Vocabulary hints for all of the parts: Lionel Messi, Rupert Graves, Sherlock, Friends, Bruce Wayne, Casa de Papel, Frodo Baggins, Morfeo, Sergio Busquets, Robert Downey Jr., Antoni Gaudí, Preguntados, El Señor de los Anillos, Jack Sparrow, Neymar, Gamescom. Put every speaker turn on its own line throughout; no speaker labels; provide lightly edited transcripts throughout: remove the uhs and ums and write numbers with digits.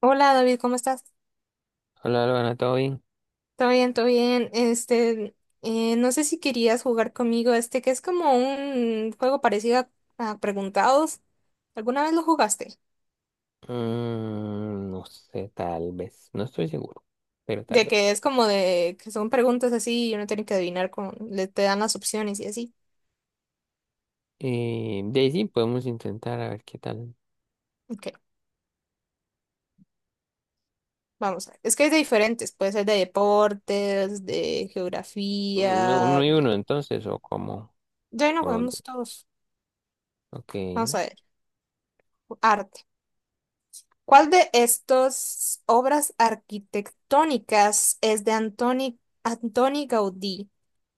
Hola, David, ¿cómo estás?
Hola, Álvaro, ¿todo bien?
Todo bien, todo bien. Este, no sé si querías jugar conmigo, este, que es como un juego parecido a Preguntados. ¿Alguna vez lo jugaste?
No sé, tal vez. No estoy seguro, pero tal
De
vez.
que es como de que son preguntas así y uno tiene que adivinar con, le te dan las opciones y así.
De ahí sí podemos intentar a ver qué tal.
Ok, vamos a ver. Es que es de diferentes, puede ser de deportes, de
Mm,
geografía,
Uno y
de...
uno, entonces, o cómo.
Ya no
O los dos.
jugamos todos.
Ok.
Vamos a ver. Arte. ¿Cuál de estas obras arquitectónicas es de Antoni Gaudí?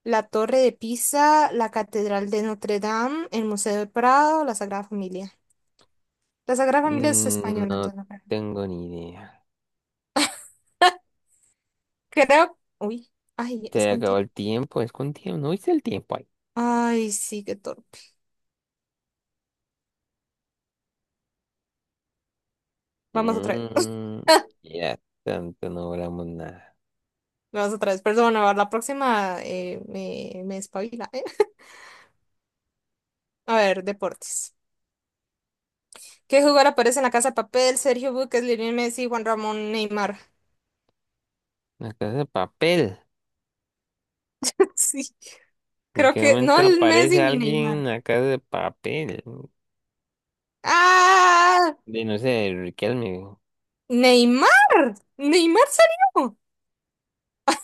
La Torre de Pisa, la Catedral de Notre Dame, el Museo del Prado, la Sagrada Familia. La Sagrada Familia es
Mm,
española,
no
entonces no creo.
tengo ni idea.
Creo. Uy, ay, es
Se
con
acabó
tiempo.
el tiempo, es con tiempo. ¿No viste el tiempo ahí?
Ay, sí, qué torpe. Vamos otra vez.
Mm, ya tanto no hablamos nada.
Vamos otra vez. Perdón, a ver, la próxima me espabila, ¿eh? A ver, deportes. ¿Qué jugador aparece en la Casa de Papel? Sergio Busquets, Lionel Messi, Juan Ramón, Neymar.
La casa de papel.
Sí.
¿En
Creo
qué
que no
momento
el
aparece
Messi ni
alguien
Neymar.
en la casa de papel?
¡Ah!
De no sé, Riquelme.
¡Neymar! ¡Neymar salió!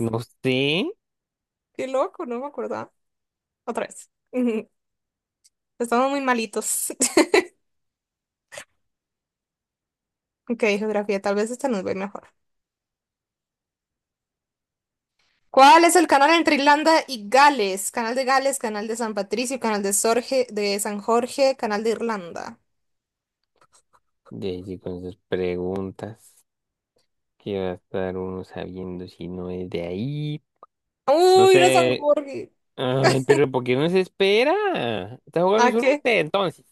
No sé,
¡Qué loco! No me acordaba. Otra vez. Ujú. Estamos muy malitos. Ok, geografía, tal vez esta nos ve mejor. ¿Cuál es el canal entre Irlanda y Gales? Canal de Gales, canal de San Patricio, canal de, de San Jorge, canal de Irlanda.
de allí con sus preguntas, que va a estar uno sabiendo si no es de ahí. No
Uy, era San
sé,
Jorge.
ay, pero ¿por qué no se espera? Está jugando
¿A
solo
qué?
usted, entonces.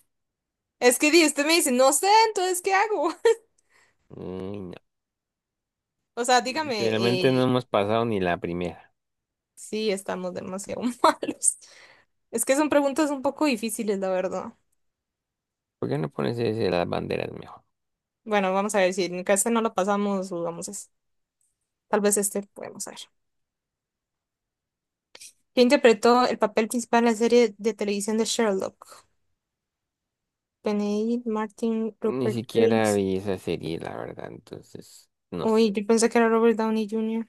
Es que usted me dice, no sé, entonces, ¿qué hago?
Ay, no,
O sea, dígame,
literalmente no hemos pasado ni la primera.
sí, estamos demasiado malos. Es que son preguntas un poco difíciles, la verdad.
¿Por qué no pones ese de las banderas mejor?
Bueno, vamos a ver si en este no lo pasamos, jugamos es... tal vez este podemos ver. ¿Quién interpretó el papel principal en la serie de televisión de Sherlock? Benedict Martin,
Ni
Rupert
siquiera
Graves.
vi esa serie, la verdad, entonces, no sé.
Uy, yo pensé que era Robert Downey Jr.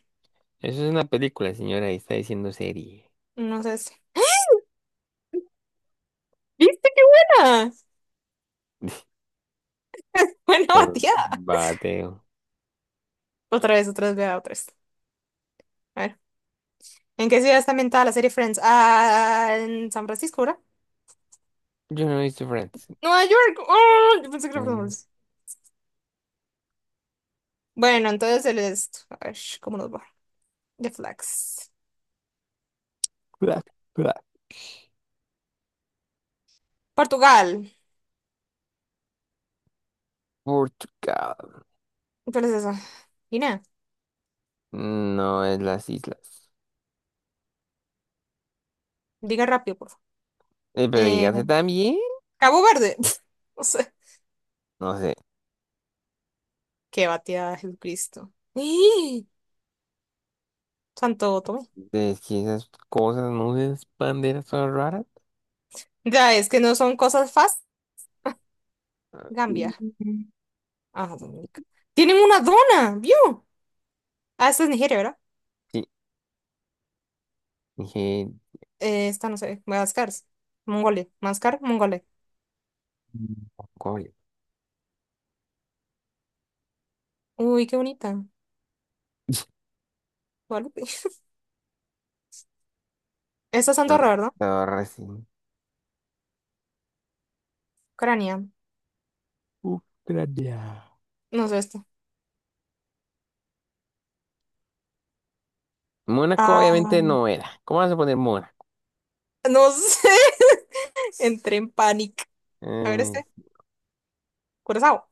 Eso es una película, señora, y está diciendo serie.
No sé si. ¿Viste qué buena? Buena bateada.
Bateo.
Otra vez, vea, otra vez. A ver. ¿En qué ciudad está ambientada la serie Friends? Ah, ¿en San Francisco, ¿verdad?
Yo no he visto Friends.
Nueva York. Oh, yo pensé que era
Mm,
Friends. Bueno, entonces el este. A ver, ¿cómo nos va? The Flags.
bla, bla.
Portugal.
Portugal.
¿Cuál es esa? Guinea.
No es las islas.
Diga rápido, por favor.
Pero
Eh,
dígase también.
Cabo Verde. No sé.
No sé.
Qué batida, Jesucristo. Y Santo Tomé.
Es que esas cosas, no sé, esas banderas son raras.
Ya, es que no son cosas fáciles.
Ah,
Gambia.
mm.
Ah, Dominica. Tienen una dona, ¿vio? Ah, esta es Nigeria, ¿verdad?
Sí, dije
Esta no sé. Madagascar. Mongolia. Madagascar, Mongolia.
Mongolia.
Uy, qué bonita. Guadalupe. Esta es Andorra, ¿verdad?
Andorra, sí.
Ucrania.
Ucrania.
No sé esta.
Mónaco
Ah.
obviamente no era. ¿Cómo vas a poner Mónaco?
No sé. Entré en pánico. A ver,
Eh,
este. Curazao.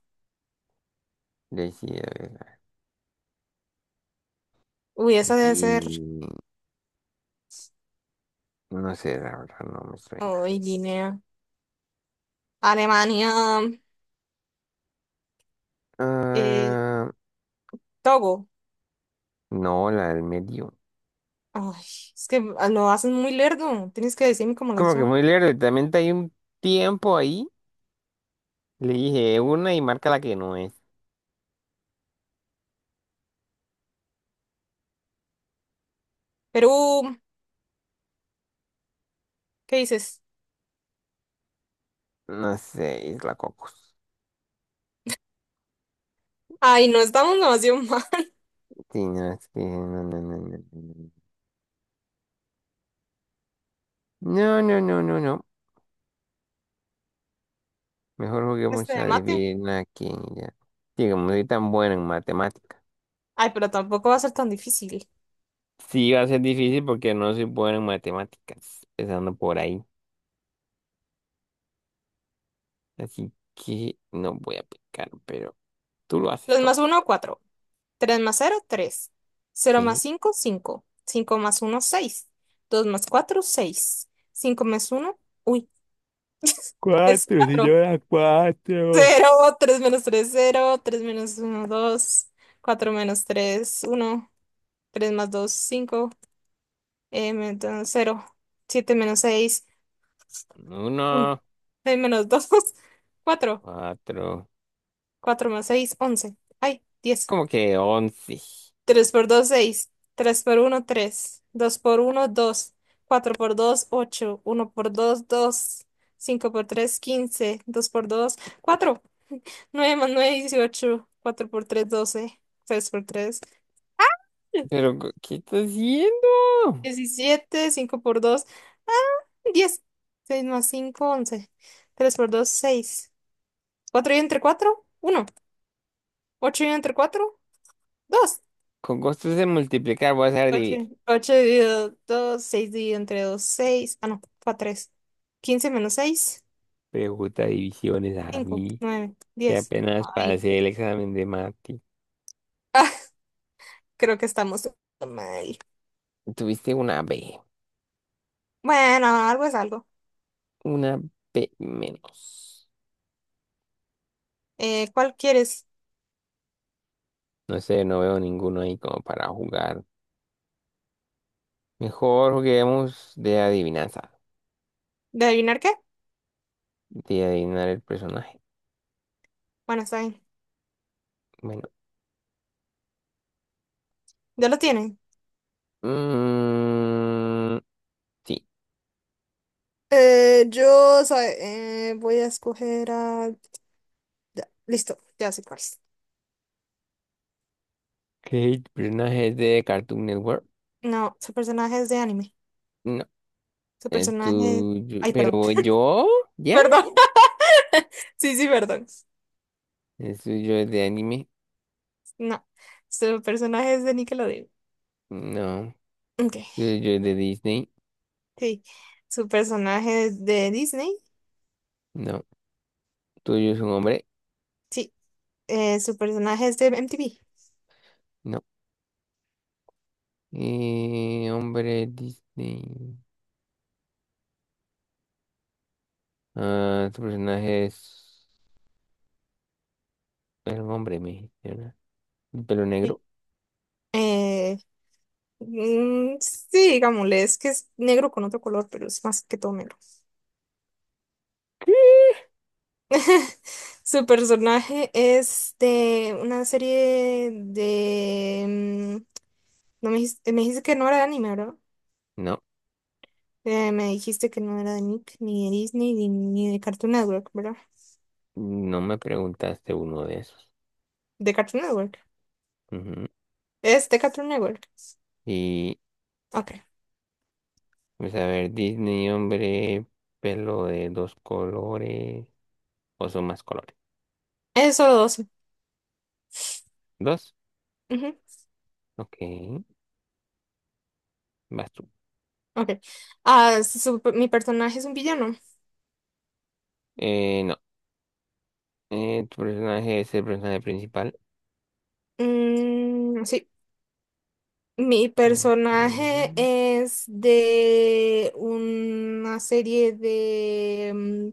le sí, a ver,
Uy, esa debe ser.
aquí no sé, la verdad no me suena.
Ay, Guinea. Alemania. Eh,
Ah,
Togo.
no, la del medio.
Ay, es que lo hacen muy lerdo. Tienes que decirme cómo las
Como que
ya.
muy lejos, también hay un tiempo ahí. Le dije una y marca la que no es.
Perú. ¿Qué dices?
No sé, Isla Cocos.
Ay, no, estamos demasiado mal.
Sí, no, es que no, no, no, no, no, no, no, no, no, no, no. Mejor
Este
juguemos
de
a
mate.
adivinar quién y ya. Sí, como soy tan bueno en matemáticas.
Ay, pero tampoco va a ser tan difícil.
Sí, va a ser difícil porque no soy bueno en matemáticas, empezando por ahí. Así que no voy a picar, pero tú lo haces
Los más
todo.
uno, cuatro. Tres más cero, tres. Cero
¿Qué?
más cinco, cinco. Cinco más uno, seis. Dos más cuatro, seis. Cinco más uno. Es
Cuatro, si yo
cuatro.
señora, cuatro.
Cero tres menos tres, cero. Tres menos uno, dos. Cuatro menos tres, uno. Tres más dos, cinco. Menos 0, 7 menos seis, uno.
Uno,
Seis menos dos, cuatro.
cuatro,
Cuatro más seis, once, ay, diez.
como que once.
Tres por dos, seis. Tres por uno, tres. Dos por uno, dos. Cuatro por dos, ocho. Uno por dos, dos. Cinco por tres, quince. Dos por dos, cuatro. Nueve más nueve, dieciocho. Cuatro por tres, doce. Seis por tres,
Pero, ¿qué estás haciendo?
diecisiete. Cinco por 2, diez. Seis más cinco, once. Tres por dos, seis. Cuatro y entre cuatro, uno. Ocho y entre cuatro, dos.
Con costos de multiplicar vas a
Ocho.
dividir.
Ocho dividido dos, 6 dividido entre dos, seis. Ah, no, fue tres. Quince menos seis,
Pregunta divisiones a
cinco.
mí,
Nueve,
que
diez.
apenas
Ay,
pasé el examen de mate.
ah, creo que estamos mal.
Tuviste
Bueno, algo es algo.
una B menos.
¿Cuál quieres?
No sé, no veo ninguno ahí como para jugar. Mejor juguemos de adivinanza,
¿De adivinar qué?
de adivinar el personaje.
Bueno, está bien.
Bueno,
Ya lo tienen.
mm, sí.
Voy a escoger a... ya, listo, ya sé cuál es.
¿Qué personaje es de Cartoon Network?
No, su personaje es de anime.
No,
Su personaje.
tú tuyo.
Ay, perdón.
Pero yo, ¿ya?
Perdón. Sí, sí, perdón.
¿Es tuyo es de anime?
No, su personaje es de Nickelodeon.
No.
Ok,
¿El suyo es de Disney?
sí. Su personaje es de Disney.
No. ¿Tuyo es un hombre?
Sí. Su personaje es de MTV.
No. Hombre Disney. Ah, tu personaje es era un hombre, me dijiste, ¿verdad? ¿Un ¿Pelo
Sí.
negro?
Eh, mm, sí, digámosle, es que es negro con otro color, pero es más que todo negro. Su personaje es de una serie de... mm, no me dijiste, me dijiste que no era de anime, ¿verdad?
No,
Me dijiste que no era de Nick, ni de Disney, ni de Cartoon Network, ¿verdad?
no me preguntaste uno de esos.
De Cartoon Network.
Ujú.
Es de Cartoon Network.
Y,
Ok.
pues a ver, Disney, hombre, pelo de dos colores, o son más colores.
Es solo 12.
¿Dos?
Ujú,
Ok, vas tú.
ok. Ah, mi personaje es un villano.
No, tu personaje es el personaje principal.
Mm, sí. Mi
Ok.
personaje es de una serie de... mm,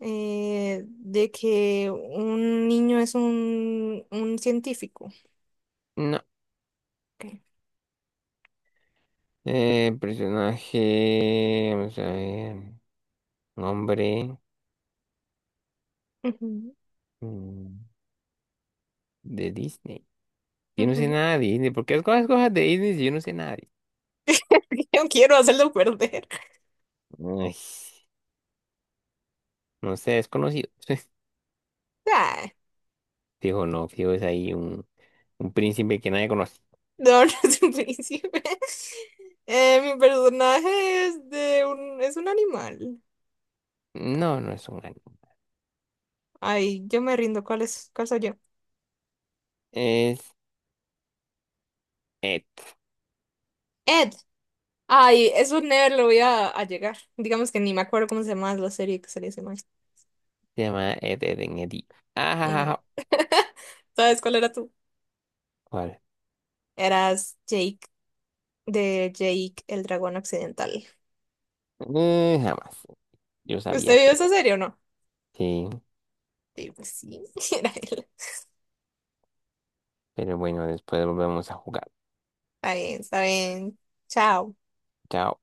de que un niño es un científico.
No.
Ok.
Personaje. Vamos a ver. Nombre.
Ujú.
Mm, de Disney. Yo no sé
Ujú.
nada de Disney. ¿Por qué escoges cosas de Disney si yo no sé nada de
Yo quiero hacerlo perder.
Disney? Ay, no sé, desconocido.
Ah,
Fijo, no. Fijo, es ahí un príncipe que nadie conoce.
no, no es un príncipe. Mi personaje es de un, es un animal.
No, no es un anime.
Ay, yo me rindo. ¿Cuál es, cuál soy yo?
Es Ed.
Ed. Ay, eso never lo voy a llegar. Digamos que ni me acuerdo cómo se llama la serie que salía ese man.
Se llama Ed, Ed, Ed, Ed.
Mm.
Ah,
¿Sabes cuál era tú?
¿cuál?
Eras Jake, de Jake el dragón occidental.
Jamás. Yo sabía
¿Usted vio
que
esa
era.
serie o no?
Sí,
Sí, pues sí, era él.
pero bueno, después volvemos a jugar.
Está bien, está bien. Chao.
Chao.